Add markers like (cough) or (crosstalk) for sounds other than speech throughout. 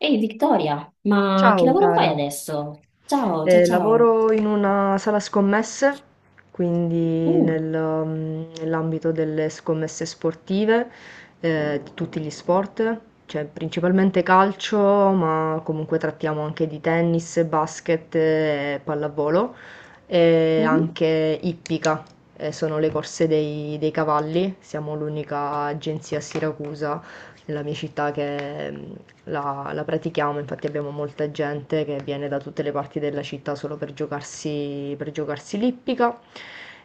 Ehi Vittoria, ma che Ciao lavoro fai cara. adesso? Ciao, ciao, ciao. Lavoro in una sala scommesse, quindi Mm. Nell'ambito delle scommesse sportive, di tutti gli sport, cioè principalmente calcio, ma comunque trattiamo anche di tennis, basket, pallavolo e Mhm. anche ippica, sono le corse dei cavalli, siamo l'unica agenzia a Siracusa nella mia città che, la pratichiamo, infatti abbiamo molta gente che viene da tutte le parti della città solo per giocarsi l'ippica.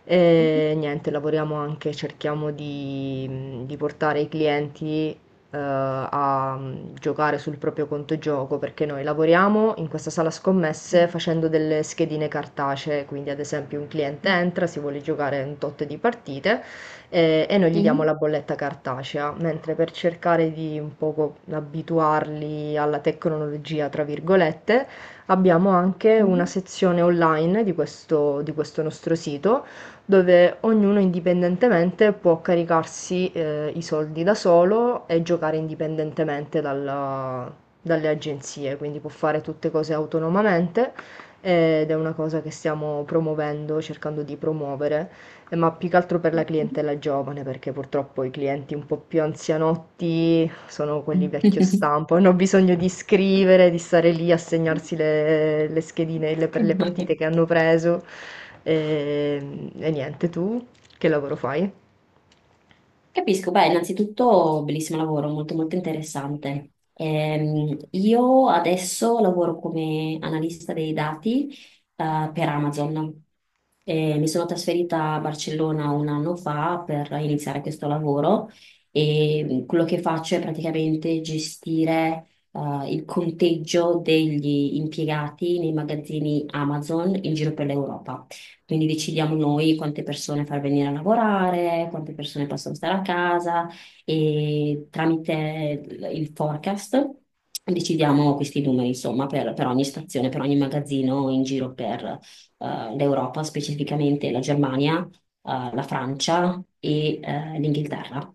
E niente, lavoriamo anche, cerchiamo di portare i clienti a giocare sul proprio conto gioco perché noi lavoriamo in questa sala scommesse facendo delle schedine cartacee, quindi ad esempio un cliente entra, si vuole giocare un tot di partite e noi gli diamo Mhm. la bolletta cartacea, mentre per cercare di un poco abituarli alla tecnologia, tra virgolette, abbiamo anche una Mhm. sezione online di questo nostro sito dove ognuno indipendentemente può caricarsi i soldi da solo e giocare indipendentemente dalle agenzie, quindi può fare tutte cose autonomamente ed è una cosa che stiamo promuovendo, cercando di promuovere. Ma più che altro per la clientela giovane, perché purtroppo i clienti un po' più anzianotti sono quelli vecchio Mhm. stampo, hanno bisogno di scrivere, di stare lì a segnarsi le schedine per le Mhm. partite (laughs) che hanno preso. E niente, tu che lavoro fai? Capisco, beh, innanzitutto bellissimo lavoro, molto molto interessante. Io adesso lavoro come analista dei dati per Amazon. Mi sono trasferita a Barcellona un anno fa per iniziare questo lavoro, e quello che faccio è praticamente gestire il conteggio degli impiegati nei magazzini Amazon in giro per l'Europa. Quindi decidiamo noi quante persone far venire a lavorare, quante persone possono stare a casa, e tramite il forecast decidiamo questi numeri, insomma, per ogni stazione, per ogni magazzino in giro per l'Europa, specificamente la Germania, la Francia e l'Inghilterra.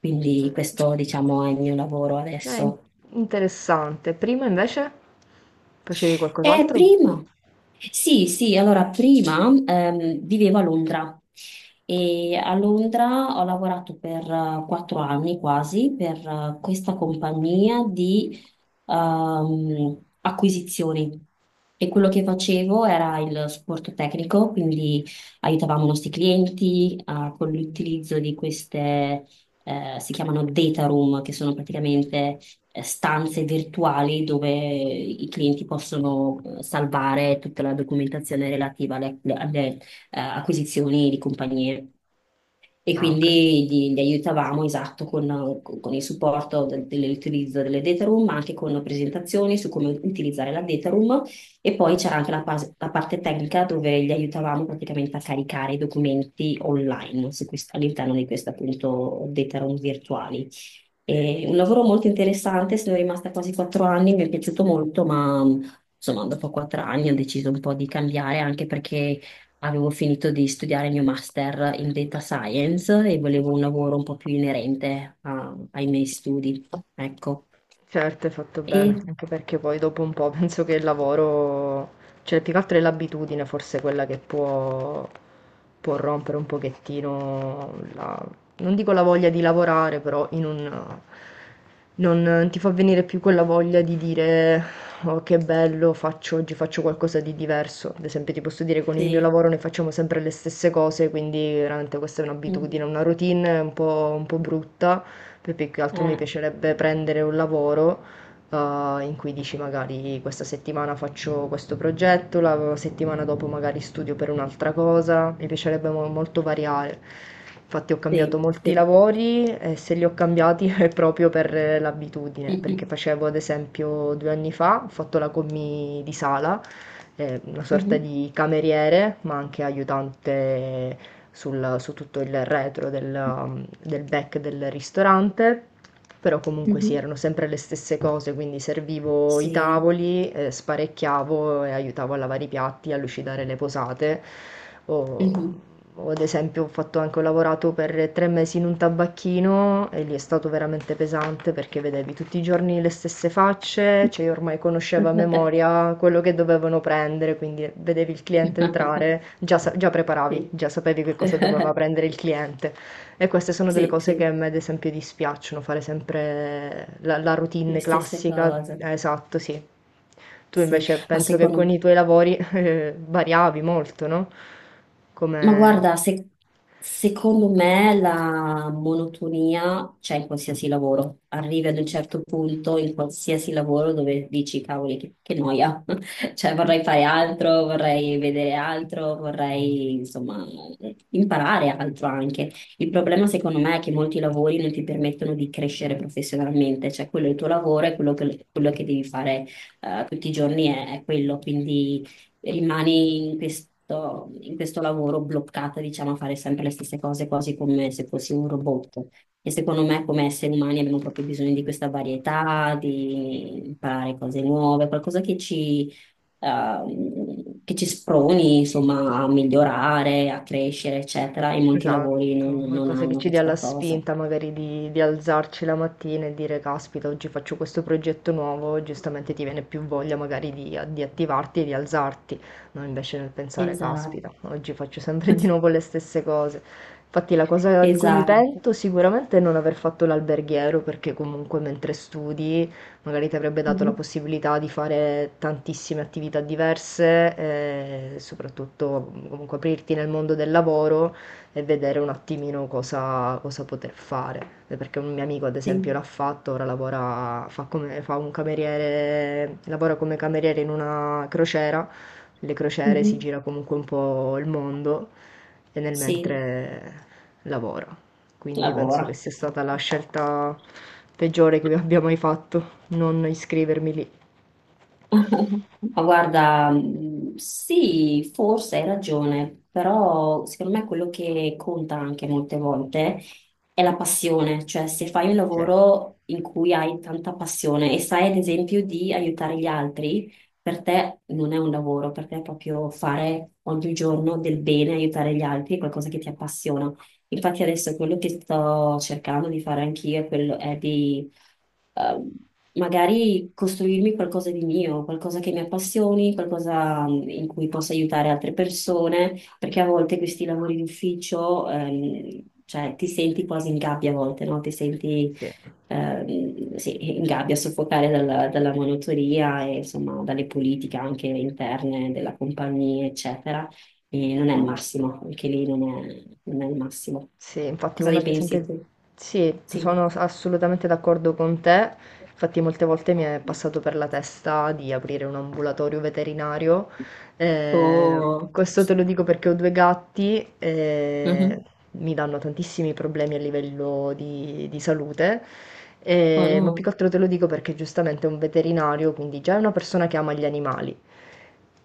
Quindi questo, diciamo, è il mio lavoro Eh, adesso. Interessante. Prima invece facevi qualcos'altro? Prima, sì, sì, allora prima vivevo a Londra, e a Londra ho lavorato per 4 anni quasi per questa compagnia di acquisizioni, e quello che facevo era il supporto tecnico. Quindi aiutavamo i nostri clienti con l'utilizzo di queste, si chiamano data room, che sono praticamente stanze virtuali dove i clienti possono salvare tutta la documentazione relativa alle acquisizioni di compagnie. E Ah, ok. quindi gli aiutavamo, esatto, con il supporto dell'utilizzo delle data room, ma anche con presentazioni su come utilizzare la data room. E poi c'era anche la parte tecnica, dove gli aiutavamo praticamente a caricare i documenti online su all'interno di questo appunto data room virtuali. E un lavoro molto interessante, sono rimasta quasi 4 anni, mi è piaciuto molto, ma insomma dopo 4 anni ho deciso un po' di cambiare, anche perché avevo finito di studiare il mio master in data science e volevo un lavoro un po' più inerente ai miei studi, ecco. Certo, hai fatto bene, E anche perché poi dopo un po' (laughs) penso che il lavoro, cioè più che altro è l'abitudine forse quella che può, può rompere un pochettino non dico la voglia di lavorare, però in un, non ti fa venire più quella voglia di dire oh che bello, faccio oggi faccio qualcosa di diverso. Ad esempio ti posso dire con il mio sì, lavoro ne facciamo sempre le stesse cose, quindi veramente questa è un'abitudine, mhm, una routine un po' brutta, poi più che altro mi eh, piacerebbe prendere un lavoro eh, in cui dici magari questa settimana faccio questo progetto, la settimana dopo magari studio per un'altra cosa, mi piacerebbe molto variare. Infatti ho cambiato sì, molti sì. lavori e se li ho cambiati (laughs) è proprio per l'abitudine, perché Mhm. facevo ad esempio due anni fa, ho fatto la commì di sala, una sorta Mhm. di cameriere, ma anche aiutante su tutto il retro del, del back del ristorante, però comunque sì, Mhm. erano sempre le stesse cose, quindi servivo i Sì. tavoli, sparecchiavo e aiutavo a lavare i piatti, a lucidare le posate. O, Mhm. o ad esempio ho fatto anche, ho lavorato per tre mesi in un tabacchino e lì è stato veramente pesante perché vedevi tutti i giorni le stesse facce, cioè io ormai conoscevo a (laughs) memoria quello che dovevano prendere, quindi vedevi il cliente entrare, già, già Sì. preparavi, già sapevi che cosa doveva (laughs) prendere il cliente. E queste sono delle Sì, cose sì, che a me, ad esempio, dispiacciono, fare sempre la le routine stesse classica. cose. Esatto, sì. Tu Sì, invece ma penso che con secondo, i tuoi lavori (laughs) variavi molto, no? ma Come... guarda, secondo me la monotonia c'è in qualsiasi lavoro. Arrivi ad un certo punto in qualsiasi lavoro dove dici, cavoli, che noia. (laughs) Cioè, vorrei fare altro, vorrei vedere altro, vorrei, insomma, imparare altro anche. Il problema, secondo me, è che molti lavori non ti permettono di crescere professionalmente. Cioè, quello è il tuo lavoro, e quello che devi fare, tutti i giorni è quello. Quindi rimani in questo lavoro bloccata, diciamo, a fare sempre le stesse cose, quasi come se fossi un robot. E secondo me, come esseri umani, abbiamo proprio bisogno di questa varietà, di imparare cose nuove, qualcosa che ci sproni, insomma, a migliorare, a crescere, eccetera. E molti lavori non, Esatto, non qualcosa che hanno ci dia la questa cosa. spinta magari di alzarci la mattina e dire caspita, oggi faccio questo progetto nuovo, giustamente ti viene più voglia magari di attivarti e di alzarti, non invece nel pensare Esatto, caspita, oggi faccio sempre di nuovo (laughs) le stesse cose. Infatti la cosa di cui mi esatto. pento sicuramente è non aver fatto l'alberghiero, perché comunque mentre studi magari ti avrebbe dato la Mhm. possibilità di fare tantissime attività diverse, e soprattutto comunque aprirti nel mondo del lavoro e vedere un attimino cosa, cosa poter fare. Perché un mio amico ad esempio Sì. l'ha fatto, ora lavora, fa, come, fa un cameriere, lavora come cameriere in una crociera, le crociere si Mhm. gira comunque un po' il mondo e nel Sì, mentre lavora, quindi penso che lavora. sia stata la scelta peggiore che abbia mai fatto, non iscrivermi lì. Ma guarda, sì, forse hai ragione, però secondo me quello che conta anche molte volte è la passione, cioè se fai un Sì, lavoro in cui hai tanta passione e sai ad esempio di aiutare gli altri, per te non è un lavoro, per te è proprio fare ogni giorno del bene, aiutare gli altri, è qualcosa che ti appassiona. Infatti adesso quello che sto cercando di fare anch'io è quello è di ehm, magari costruirmi qualcosa di mio, qualcosa che mi appassioni, qualcosa in cui possa aiutare altre persone, perché a volte questi lavori d'ufficio, cioè ti senti quasi in gabbia a volte, no? Ti senti sì. Sì, in gabbia, soffocare dalla, monotonia e insomma dalle politiche anche interne della compagnia, eccetera. E non è il massimo, anche lì non è il massimo. Sì, infatti Cosa uno ne ad pensi esempio... tu? Sì, Sì. sono assolutamente d'accordo con te. Infatti molte volte mi è passato per la testa di aprire un ambulatorio veterinario. Eh, Oh. Questo te lo dico perché ho due gatti e Mhm. mi danno tantissimi problemi a livello di salute. Oh Ma più no, che altro te lo dico perché giustamente è un veterinario, quindi già è una persona che ama gli animali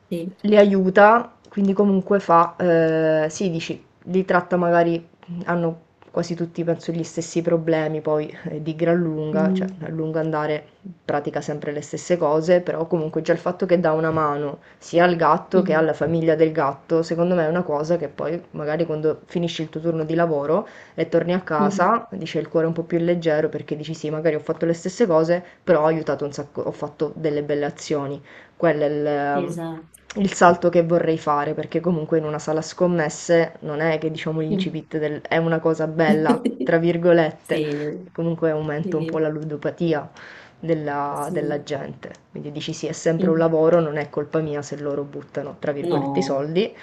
sì. li aiuta, quindi comunque fa, sì, dici, li tratta magari, hanno quasi tutti, penso, gli stessi problemi, poi di gran lunga, cioè Mm. a lungo andare pratica sempre le stesse cose, però comunque già il fatto che dà una mano sia al gatto che alla Mhm. famiglia del gatto, secondo me è una cosa che poi magari quando finisci il tuo turno di lavoro e torni a Mhm. casa, dice il cuore un po' più leggero perché dici sì, magari ho fatto le stesse cose, però ho aiutato un sacco, ho fatto delle belle azioni. Quello è il Esatto. il salto che vorrei fare, perché comunque in una sala scommesse non è che diciamo Mm. l'incipit del è una cosa bella, tra (laughs) virgolette, Sì, e comunque aumenta un po' sì, la ludopatia della sì. gente. Quindi dici sì, è sempre un Mm. lavoro, non è colpa mia se loro buttano, tra virgolette, i No, soldi,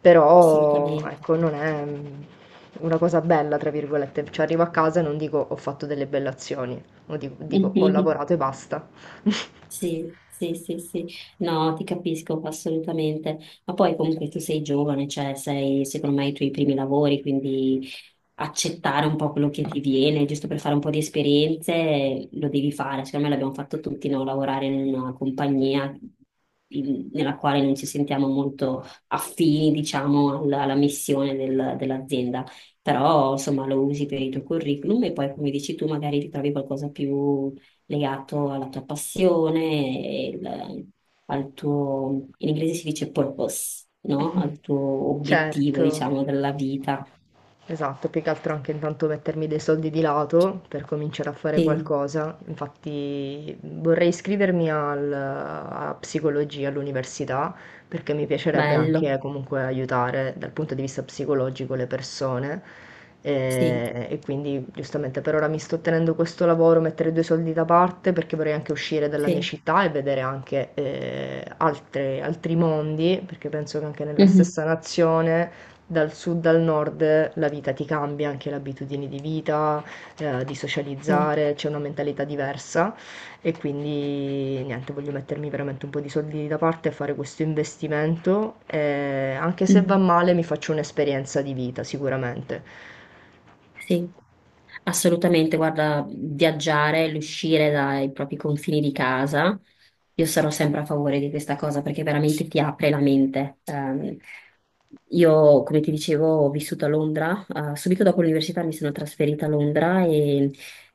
però assolutamente. ecco, non è una cosa bella, tra virgolette. Cioè arrivo a casa e non dico ho fatto delle belle azioni, o dico (laughs) dico, ho Mhm. lavorato e basta. Sì, sì, sì, sì. No, ti capisco assolutamente. Ma poi comunque tu sei giovane, cioè sei secondo me i tuoi primi lavori, quindi accettare un po' quello che ti viene, giusto per fare un po' di esperienze, lo devi fare. Secondo me l'abbiamo fatto tutti, no? Lavorare in una compagnia nella quale non ci sentiamo molto affini, diciamo, alla missione dell'azienda. Però, insomma, lo usi per il tuo curriculum e poi, come dici tu, magari ti trovi qualcosa più legato alla tua passione, e il- al tuo, in inglese si dice purpose, no? (laughs) Al tuo obiettivo, Certo. diciamo, della vita. Esatto, più che altro anche intanto mettermi dei soldi di lato per cominciare a fare qualcosa. Infatti vorrei iscrivermi a psicologia all'università perché mi piacerebbe anche Bello, comunque aiutare dal punto di vista psicologico le persone sì, e quindi giustamente per ora mi sto tenendo questo lavoro, mettere due soldi da parte perché vorrei anche uscire dalla mia sì, città e vedere anche altri mondi perché penso che anche nella mhm, stessa nazione dal sud al nord la vita ti cambia, anche le abitudini di vita, di sì, socializzare, c'è una mentalità diversa e quindi niente, voglio mettermi veramente un po' di soldi da parte e fare questo investimento. E anche se va mhm, male, mi faccio un'esperienza di vita sicuramente. sì, assolutamente. Guarda, viaggiare, l'uscire dai propri confini di casa, io sarò sempre a favore di questa cosa perché veramente ti apre la mente. Io, come ti dicevo, ho vissuto a Londra. Subito dopo l'università mi sono trasferita a Londra, e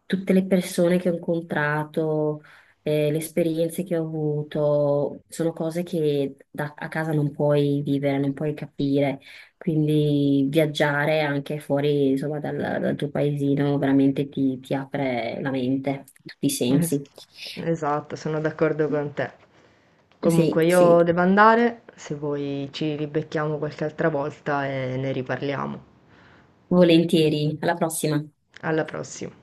tutte le persone che ho incontrato, le esperienze che ho avuto, sono cose che a casa non puoi vivere, non puoi capire. Quindi viaggiare anche fuori, insomma, dal tuo paesino veramente ti apre la mente, tutti i Es- sensi. Esatto, sono d'accordo con te. Comunque Sì, sì, io devo andare, se vuoi ci ribecchiamo qualche altra volta e ne riparliamo. volentieri. Alla prossima. Alla prossima.